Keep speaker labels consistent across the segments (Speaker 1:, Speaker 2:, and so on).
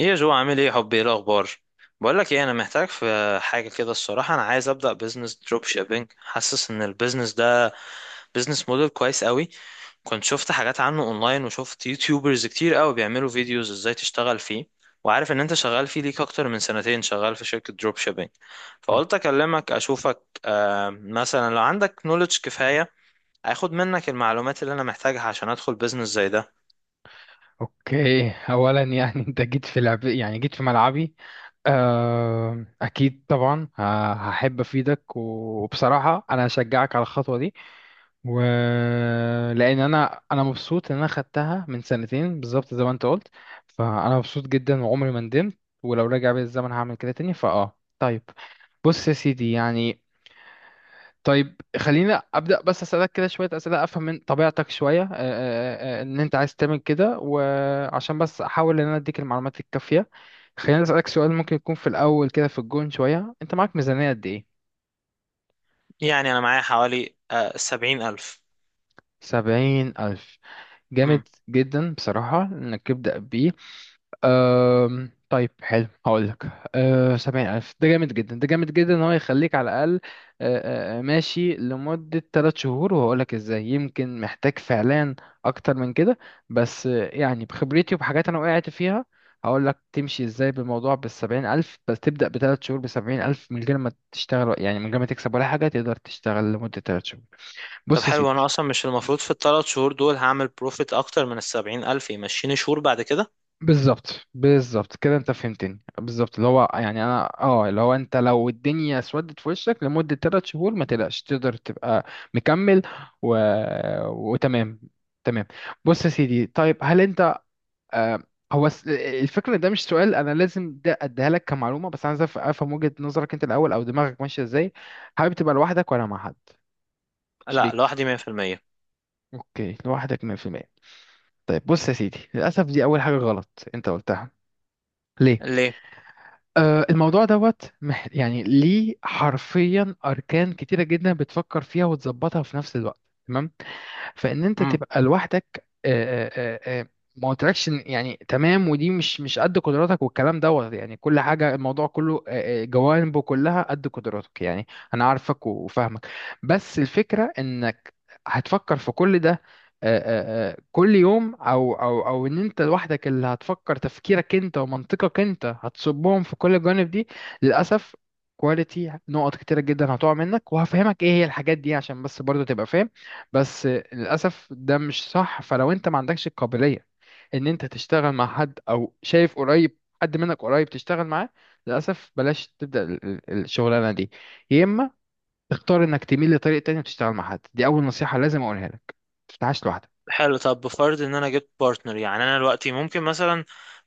Speaker 1: ايه يا جو، عامل ايه حبي؟ ايه الاخبار؟ بقول لك ايه، انا محتاج في حاجه كده الصراحه. انا عايز ابدا بزنس دروب شيبينج، حاسس ان البيزنس ده بزنس موديل كويس قوي. كنت شفت حاجات عنه اونلاين، وشفت يوتيوبرز كتير قوي بيعملوا فيديوز ازاي تشتغل فيه. وعارف ان انت شغال فيه ليك اكتر من سنتين شغال في شركه دروب شيبينج. فقلت اكلمك اشوفك، مثلا لو عندك نوليدج كفايه اخد منك المعلومات اللي انا محتاجها عشان ادخل بزنس زي ده.
Speaker 2: اوكي، اولا يعني انت جيت في لعب، يعني جيت في ملعبي. اكيد طبعا. هحب افيدك وبصراحه انا هشجعك على الخطوه دي و... لان انا مبسوط ان انا خدتها من سنتين بالظبط زي ما انت قلت. فانا مبسوط جدا وعمري ما ندمت، ولو رجع بيا الزمن هعمل كده تاني. فاه، طيب بص يا سيدي يعني، طيب خلينا ابدا بس اسالك كده شويه اسئله افهم من طبيعتك شويه، ان انت عايز تعمل كده، وعشان بس احاول ان انا اديك المعلومات الكافيه. خلينا اسالك سؤال ممكن يكون في الاول كده في الجون شويه، انت معاك ميزانيه قد ايه؟
Speaker 1: يعني انا معايا حوالي سبعين الف.
Speaker 2: 70,000، جامد جدا بصراحه انك تبدا بيه. طيب، حلو، هقول لك. أه، 70,000 ده جامد جدا، ده جامد جدا إن هو يخليك على الأقل أه، أه، ماشي لمدة تلات شهور، وهقول لك إزاي. يمكن محتاج فعلا أكتر من كده، بس يعني بخبرتي وبحاجات أنا وقعت فيها، هقول لك تمشي إزاي بالموضوع بال70,000. بس تبدأ بتلات شهور ب70,000 من غير ما تشتغل، يعني من غير ما تكسب ولا حاجة تقدر تشتغل لمدة تلات شهور.
Speaker 1: طب
Speaker 2: بص يا
Speaker 1: حلو، انا
Speaker 2: سيدي.
Speaker 1: اصلا مش المفروض في الثلاث شهور دول هعمل بروفيت اكتر من السبعين الف يمشيني شهور بعد كده؟
Speaker 2: بالظبط، بالظبط كده انت فهمتني بالظبط، اللي هو يعني انا اه اللي هو انت لو الدنيا اسودت في وشك لمدة ثلاث شهور ما تقلقش تقدر تبقى مكمل و... وتمام، تمام. بص يا سيدي، طيب هل انت آه، هو الفكرة ده مش سؤال، انا لازم ده اديها لك كمعلومة، بس انا عايز افهم وجهة نظرك انت الاول، او دماغك ماشية ازاي. حابب تبقى لوحدك ولا مع حد،
Speaker 1: لا،
Speaker 2: شريك؟
Speaker 1: لوحدي مية في المية.
Speaker 2: اوكي، لوحدك 100%. طيب بص يا سيدي، للاسف دي اول حاجة غلط انت قلتها. ليه؟
Speaker 1: ليه؟
Speaker 2: الموضوع دوت يعني ليه حرفيا أركان كتيرة جدا بتفكر فيها وتظبطها في نفس الوقت. تمام، فان انت تبقى لوحدك، ما قلتلكش إن- يعني تمام، ودي مش قد قدراتك، والكلام دوت يعني كل حاجه، الموضوع كله جوانبه كلها قد قدراتك، يعني انا عارفك وفاهمك. بس الفكره انك هتفكر في كل ده كل يوم، او ان انت لوحدك اللي هتفكر، تفكيرك انت ومنطقك انت هتصبهم في كل الجوانب دي. للاسف كواليتي نقط كتيرة جدا هتقع منك، وهفهمك ايه هي الحاجات دي عشان بس برضو تبقى فاهم. بس للأسف ده مش صح. فلو أنت ما عندكش القابلية إن أنت تشتغل مع حد، أو شايف قريب حد منك قريب تشتغل معاه، للأسف بلاش تبدأ الشغلانة دي. يا إما تختار إنك تميل لطريق تاني وتشتغل مع حد. دي أول نصيحة لازم أقولها لك: ما تفتحهاش لوحدك.
Speaker 1: حلو. طب بفرض ان انا جبت بارتنر، يعني انا دلوقتي ممكن مثلا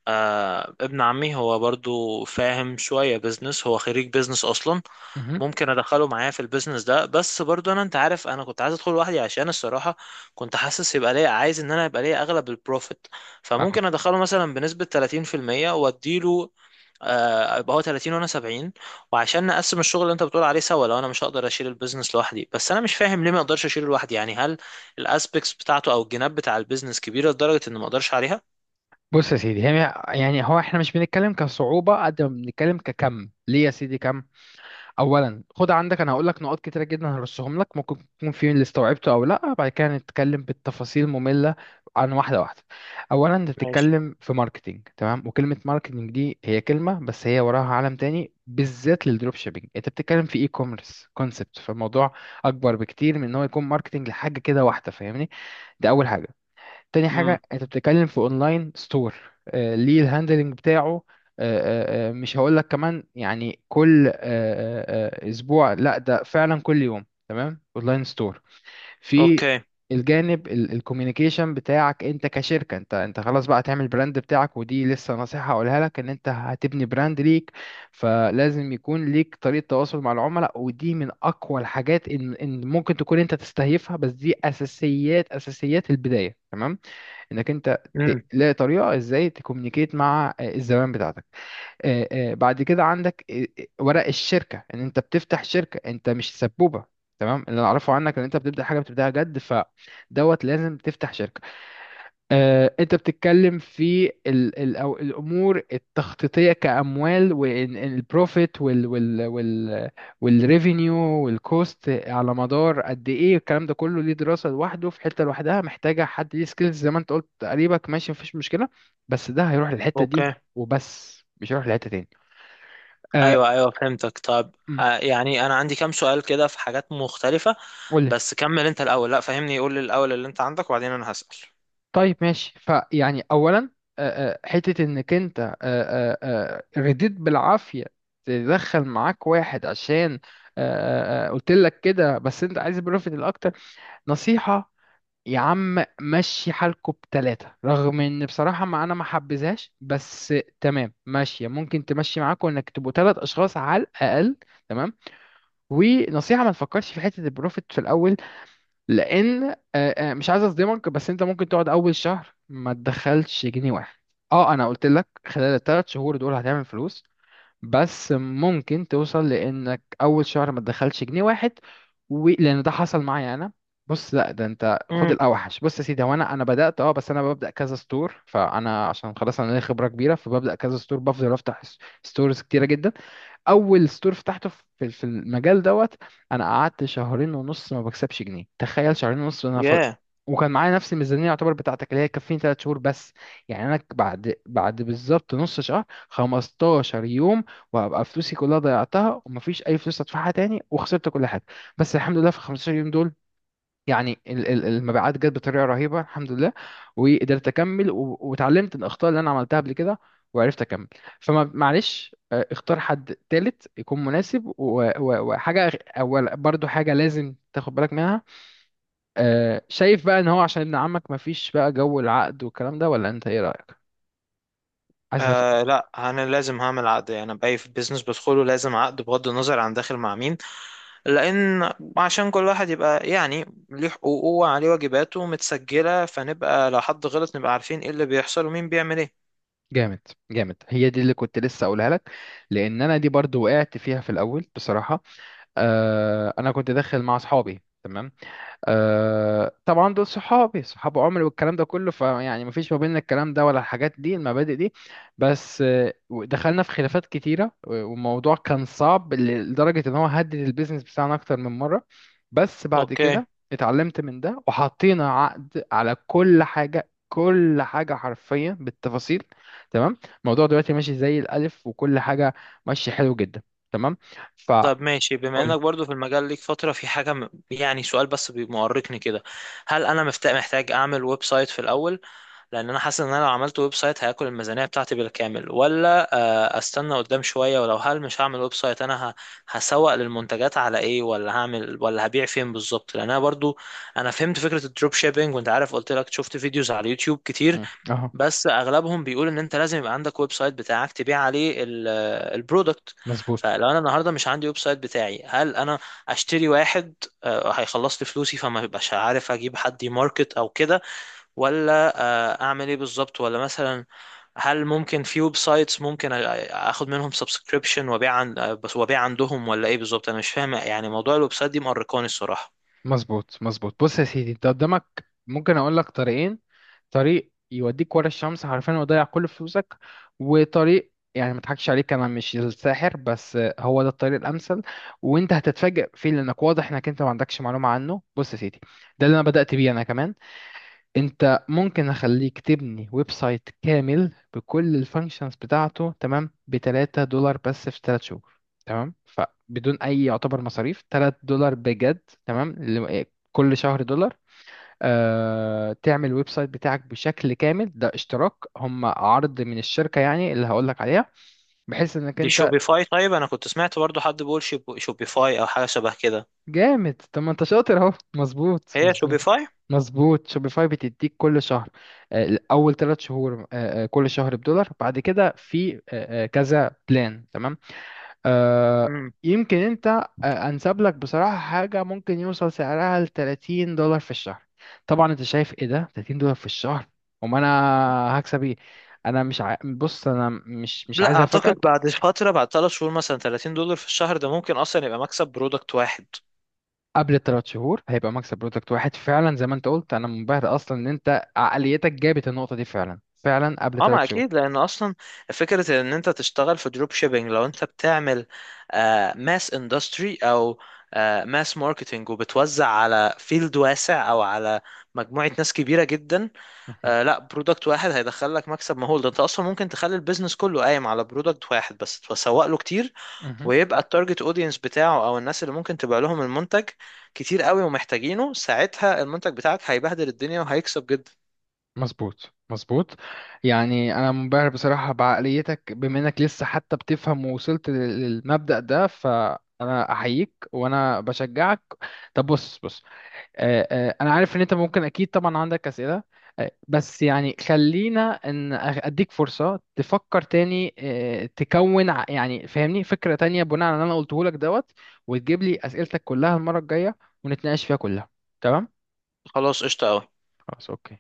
Speaker 1: ابن عمي، هو برضو فاهم شوية بيزنس، هو خريج بيزنس اصلا،
Speaker 2: مهم.
Speaker 1: ممكن ادخله معايا في البيزنس ده. بس برضو انا انت عارف، انا كنت عايز ادخل لوحدي عشان الصراحة كنت حاسس يبقى ليا، عايز ان انا يبقى ليا اغلب البروفيت.
Speaker 2: أهو.
Speaker 1: فممكن ادخله مثلا بنسبة 30% واديله، يبقى هو 30 وانا 70، وعشان نقسم الشغل اللي انت بتقول عليه سوا لو انا مش هقدر اشيل البيزنس لوحدي. بس انا مش فاهم ليه ما اقدرش اشيله لوحدي، يعني هل الاسبكتس بتاعته او الجناب بتاع البيزنس كبيره لدرجه ان ما اقدرش عليها؟
Speaker 2: بص يا سيدي، يعني هو إحنا مش بنتكلم كصعوبة قد ما بنتكلم ككم، ليه يا سيدي؟ كم. اولا خد عندك، انا هقول لك نقاط كتيره جدا هرصهم لك، ممكن تكون في اللي استوعبته او لا، بعد كده نتكلم بالتفاصيل ممله عن واحده واحده. اولا انت
Speaker 1: ماشي.
Speaker 2: بتتكلم في ماركتينج، تمام، وكلمه ماركتينج دي هي كلمه، بس هي وراها عالم تاني بالذات للدروب شيبينج. انت بتتكلم في اي كوميرس كونسبت، فالموضوع اكبر بكتير من ان هو يكون ماركتينج لحاجه كده واحده، فاهمني؟ ده اول حاجه. تاني
Speaker 1: امم.
Speaker 2: حاجة، انت بتتكلم في اونلاين ستور، ليه الهاندلنج بتاعه، مش هقول لك كمان يعني كل اسبوع، لا ده فعلا كل يوم. تمام، اونلاين ستور. في
Speaker 1: اوكي.
Speaker 2: الجانب الكوميونيكيشن بتاعك انت كشركة، انت خلاص بقى هتعمل براند بتاعك، ودي لسه نصيحة هقولها لك، ان انت هتبني براند ليك، فلازم يكون ليك طريقة تواصل مع العملاء، ودي من اقوى الحاجات ان ممكن تكون انت تستهيفها، بس دي اساسيات، اساسيات البداية. تمام، انك انت
Speaker 1: امم.
Speaker 2: تلاقي طريقه ازاي تكومينيكيت مع الزبائن بتاعتك. بعد كده عندك ورق الشركه، ان انت بتفتح شركه، انت مش سبوبه، تمام؟ اللي انا اعرفه عنك ان انت بتبدا حاجه بتبداها جد، فدوت لازم تفتح شركه. انت بتتكلم في ال ال أو الامور التخطيطيه كاموال والبروفيت والريفينيو والكوست على مدار قد ايه، الكلام ده كله ليه دراسه لوحده في حته لوحدها، محتاجه حد ليه سكيلز زي ما انت قلت تقريبا. ماشي، مفيش مشكله، بس ده هيروح للحته دي
Speaker 1: اوكي.
Speaker 2: وبس، مش هيروح لحته تاني. آه،
Speaker 1: ايوه، ايوه، فهمتك. طب يعني انا عندي كام سؤال كده في حاجات مختلفه.
Speaker 2: قول.
Speaker 1: بس كمل انت الاول، لا فهمني، قول لي الاول اللي انت عندك وبعدين انا هسأل.
Speaker 2: طيب ماشي، فيعني اولا حته انك انت رديت بالعافيه تدخل معاك واحد عشان قلت لك كده، بس انت عايز بروفيت الاكتر. نصيحه، يا عم مشي حالكوا بتلاتة، رغم ان بصراحة ما انا ما حبذهاش، بس تمام ماشية، ممكن تمشي معاكوا انك تبقوا تلات اشخاص على الاقل. تمام، ونصيحة ما تفكرش في حتة البروفيت في الاول، لان مش عايز اصدمك، بس انت ممكن تقعد اول شهر ما تدخلش جنيه واحد. اه، انا قلت لك خلال الثلاث شهور دول هتعمل فلوس، بس ممكن توصل لانك اول شهر ما تدخلش جنيه واحد لان ده حصل معايا انا. بص لا ده انت خد
Speaker 1: امم.
Speaker 2: الاوحش. بص يا سيدي، هو انا بدات اه، بس انا ببدا كذا ستور، فانا عشان خلاص انا ليا خبره كبيره، فببدا كذا ستور، بفضل افتح ستورز كتيره جدا. اول ستور فتحته في المجال دوت انا قعدت شهرين ونص ما بكسبش جنيه، تخيل، شهرين ونص، انا
Speaker 1: ياه.
Speaker 2: وكان معايا نفس الميزانيه يعتبر بتاعتك اللي هي تكفيني 3 شهور بس. يعني انا بعد بالظبط نص شهر، 15 يوم، وهبقى فلوسي كلها ضيعتها ومفيش اي فلوس ادفعها تاني، وخسرت كل حاجه. بس الحمد لله في 15 يوم دول يعني المبيعات جت بطريقه رهيبه، الحمد لله، وقدرت اكمل، واتعلمت الاخطاء اللي انا عملتها قبل كده وعرفت اكمل. فما معلش، اختار حد تالت يكون مناسب، وحاجه اول برضو حاجه لازم تاخد بالك منها، شايف بقى ان هو عشان ابن عمك مفيش بقى جو العقد والكلام ده، ولا انت ايه رايك؟ عايز أف-.
Speaker 1: لا، انا لازم هعمل عقد. يعني انا باي في بيزنس بدخله لازم عقد بغض النظر عن داخل مع مين، لان عشان كل واحد يبقى يعني ليه حقوقه وعليه واجباته متسجلة، فنبقى لو حد غلط نبقى عارفين ايه اللي بيحصل ومين بيعمل ايه.
Speaker 2: جامد، جامد، هي دي اللي كنت لسه اقولها لك، لان انا دي برضو وقعت فيها في الاول بصراحه. انا كنت داخل مع اصحابي، تمام، آه طبعا دول صحابي صحاب عمري والكلام ده كله، فيعني مفيش ما بيننا الكلام ده ولا الحاجات دي المبادئ دي، بس دخلنا في خلافات كتيرة، والموضوع كان صعب لدرجة ان هو هدد البيزنس بتاعنا اكتر من مرة. بس بعد
Speaker 1: اوكي.
Speaker 2: كده اتعلمت من ده وحطينا عقد على كل حاجة، كل حاجة حرفيا بالتفاصيل. تمام، الموضوع دلوقتي ماشي زي الألف، وكل حاجة ماشية حلو جدا. تمام، فقول.
Speaker 1: طب ماشي. بما انك برضو في المجال ليك فترة، في حاجة يعني سؤال بس مؤرقني كده. هل انا محتاج اعمل ويب سايت في الاول؟ لان انا حاسس ان انا لو عملت ويب سايت هياكل الميزانيه بتاعتي بالكامل، ولا استنى قدام شويه؟ ولو هل مش هعمل ويب سايت انا هسوق للمنتجات على ايه؟ ولا هعمل ولا هبيع فين بالظبط؟ لان انا برضو انا فهمت فكره الدروب شيبينج، وانت عارف قلت لك شفت فيديوز على اليوتيوب كتير،
Speaker 2: اهو.
Speaker 1: بس اغلبهم بيقول ان انت لازم يبقى عندك ويب سايت بتاعك تبيع عليه البرودكت.
Speaker 2: مظبوط
Speaker 1: فلو انا النهارده مش عندي ويب سايت بتاعي، هل انا اشتري واحد؟ هيخلص لي فلوسي فما ببقاش عارف اجيب حد يماركت او كده، ولا اعمل ايه بالظبط؟ ولا مثلا هل ممكن في ويب سايتس ممكن اخد منهم سبسكريبشن وابيع عن بس وابيع عندهم، ولا ايه بالظبط؟ انا مش فاهم، يعني موضوع الويب سايت دي مقرقاني الصراحة.
Speaker 2: مظبوط مظبوط. بص يا سيدي، انت قدامك ممكن اقول لك طريقين: طريق يوديك ورا الشمس حرفيا ويضيع كل فلوسك، وطريق يعني، ما اضحكش عليك انا مش الساحر، بس هو ده الطريق الامثل، وانت هتتفاجئ فيه لانك واضح انك انت ما عندكش معلومه عنه. بص يا سيدي، ده اللي انا بدات بيه انا كمان. انت ممكن اخليك تبني ويب سايت كامل بكل الفانكشنز بتاعته، تمام، ب 3 دولار بس في 3 شهور، تمام، فبدون اي يعتبر مصاريف، 3 دولار بجد، تمام، اللي- كل شهر دولار، تعمل ويب سايت بتاعك بشكل كامل. ده اشتراك، هم عرض من الشركة يعني اللي هقولك عليها، بحيث انك
Speaker 1: دي
Speaker 2: انت.
Speaker 1: شوبيفاي؟ طيب انا كنت سمعت برضو حد بيقول شوبيفاي او حاجة شبه كده.
Speaker 2: جامد، طب ما انت شاطر اهو، مظبوط،
Speaker 1: هي
Speaker 2: مظبوط.
Speaker 1: شوبيفاي؟
Speaker 2: مظبوط، شوبيفاي بتديك كل شهر اول ثلاث شهور كل شهر بدولار، بعد كده في كذا بلان. تمام، آه،
Speaker 1: امم.
Speaker 2: يمكن انت انسب لك بصراحة حاجة ممكن يوصل سعرها ل 30 دولار في الشهر. طبعا انت شايف ايه، ده 30 دولار في الشهر، وما انا هكسب ايه؟ انا مش بص انا مش
Speaker 1: لا
Speaker 2: عايز
Speaker 1: اعتقد،
Speaker 2: افاجئك.
Speaker 1: بعد فترة، بعد ثلاث شهور مثلا 30 دولار في الشهر ده ممكن اصلا يبقى مكسب برودكت واحد.
Speaker 2: قبل الثلاث شهور هيبقى مكسب برودكت واحد، فعلا زي ما انت قلت، انا منبهر اصلا ان انت عقليتك جابت النقطة دي فعلا، فعلا قبل
Speaker 1: اه،
Speaker 2: ثلاث
Speaker 1: ما
Speaker 2: شهور.
Speaker 1: اكيد، لان اصلا فكره ان انت تشتغل في دروب شيبينج، لو انت بتعمل ماس اندستري او ماس ماركتنج وبتوزع على فيلد واسع او على مجموعه ناس كبيره جدا، لا، برودكت واحد هيدخل لك مكسب مهول. ده انت اصلا ممكن تخلي البيزنس كله قايم على برودكت واحد بس تسوق له كتير،
Speaker 2: مهم.
Speaker 1: ويبقى التارجت اودينس بتاعه او الناس اللي ممكن تبيع لهم المنتج كتير قوي ومحتاجينه، ساعتها المنتج بتاعك هيبهدل الدنيا وهيكسب جدا.
Speaker 2: مظبوط، مظبوط. يعني انا منبهر بصراحه بعقليتك، بما انك لسه حتى بتفهم ووصلت للمبدأ ده، فانا احييك وانا بشجعك. طب بص، بص انا عارف ان انت ممكن اكيد طبعا عندك اسئله، بس يعني خلينا ان اديك فرصه تفكر تاني، تكون يعني فاهمني فكره تانية بناء على اللي انا قلته لك دوت، وتجيب لي اسئلتك كلها المره الجايه ونتناقش فيها كلها. تمام.
Speaker 1: خلاص، قشطه قوي.
Speaker 2: خلاص، اوكي.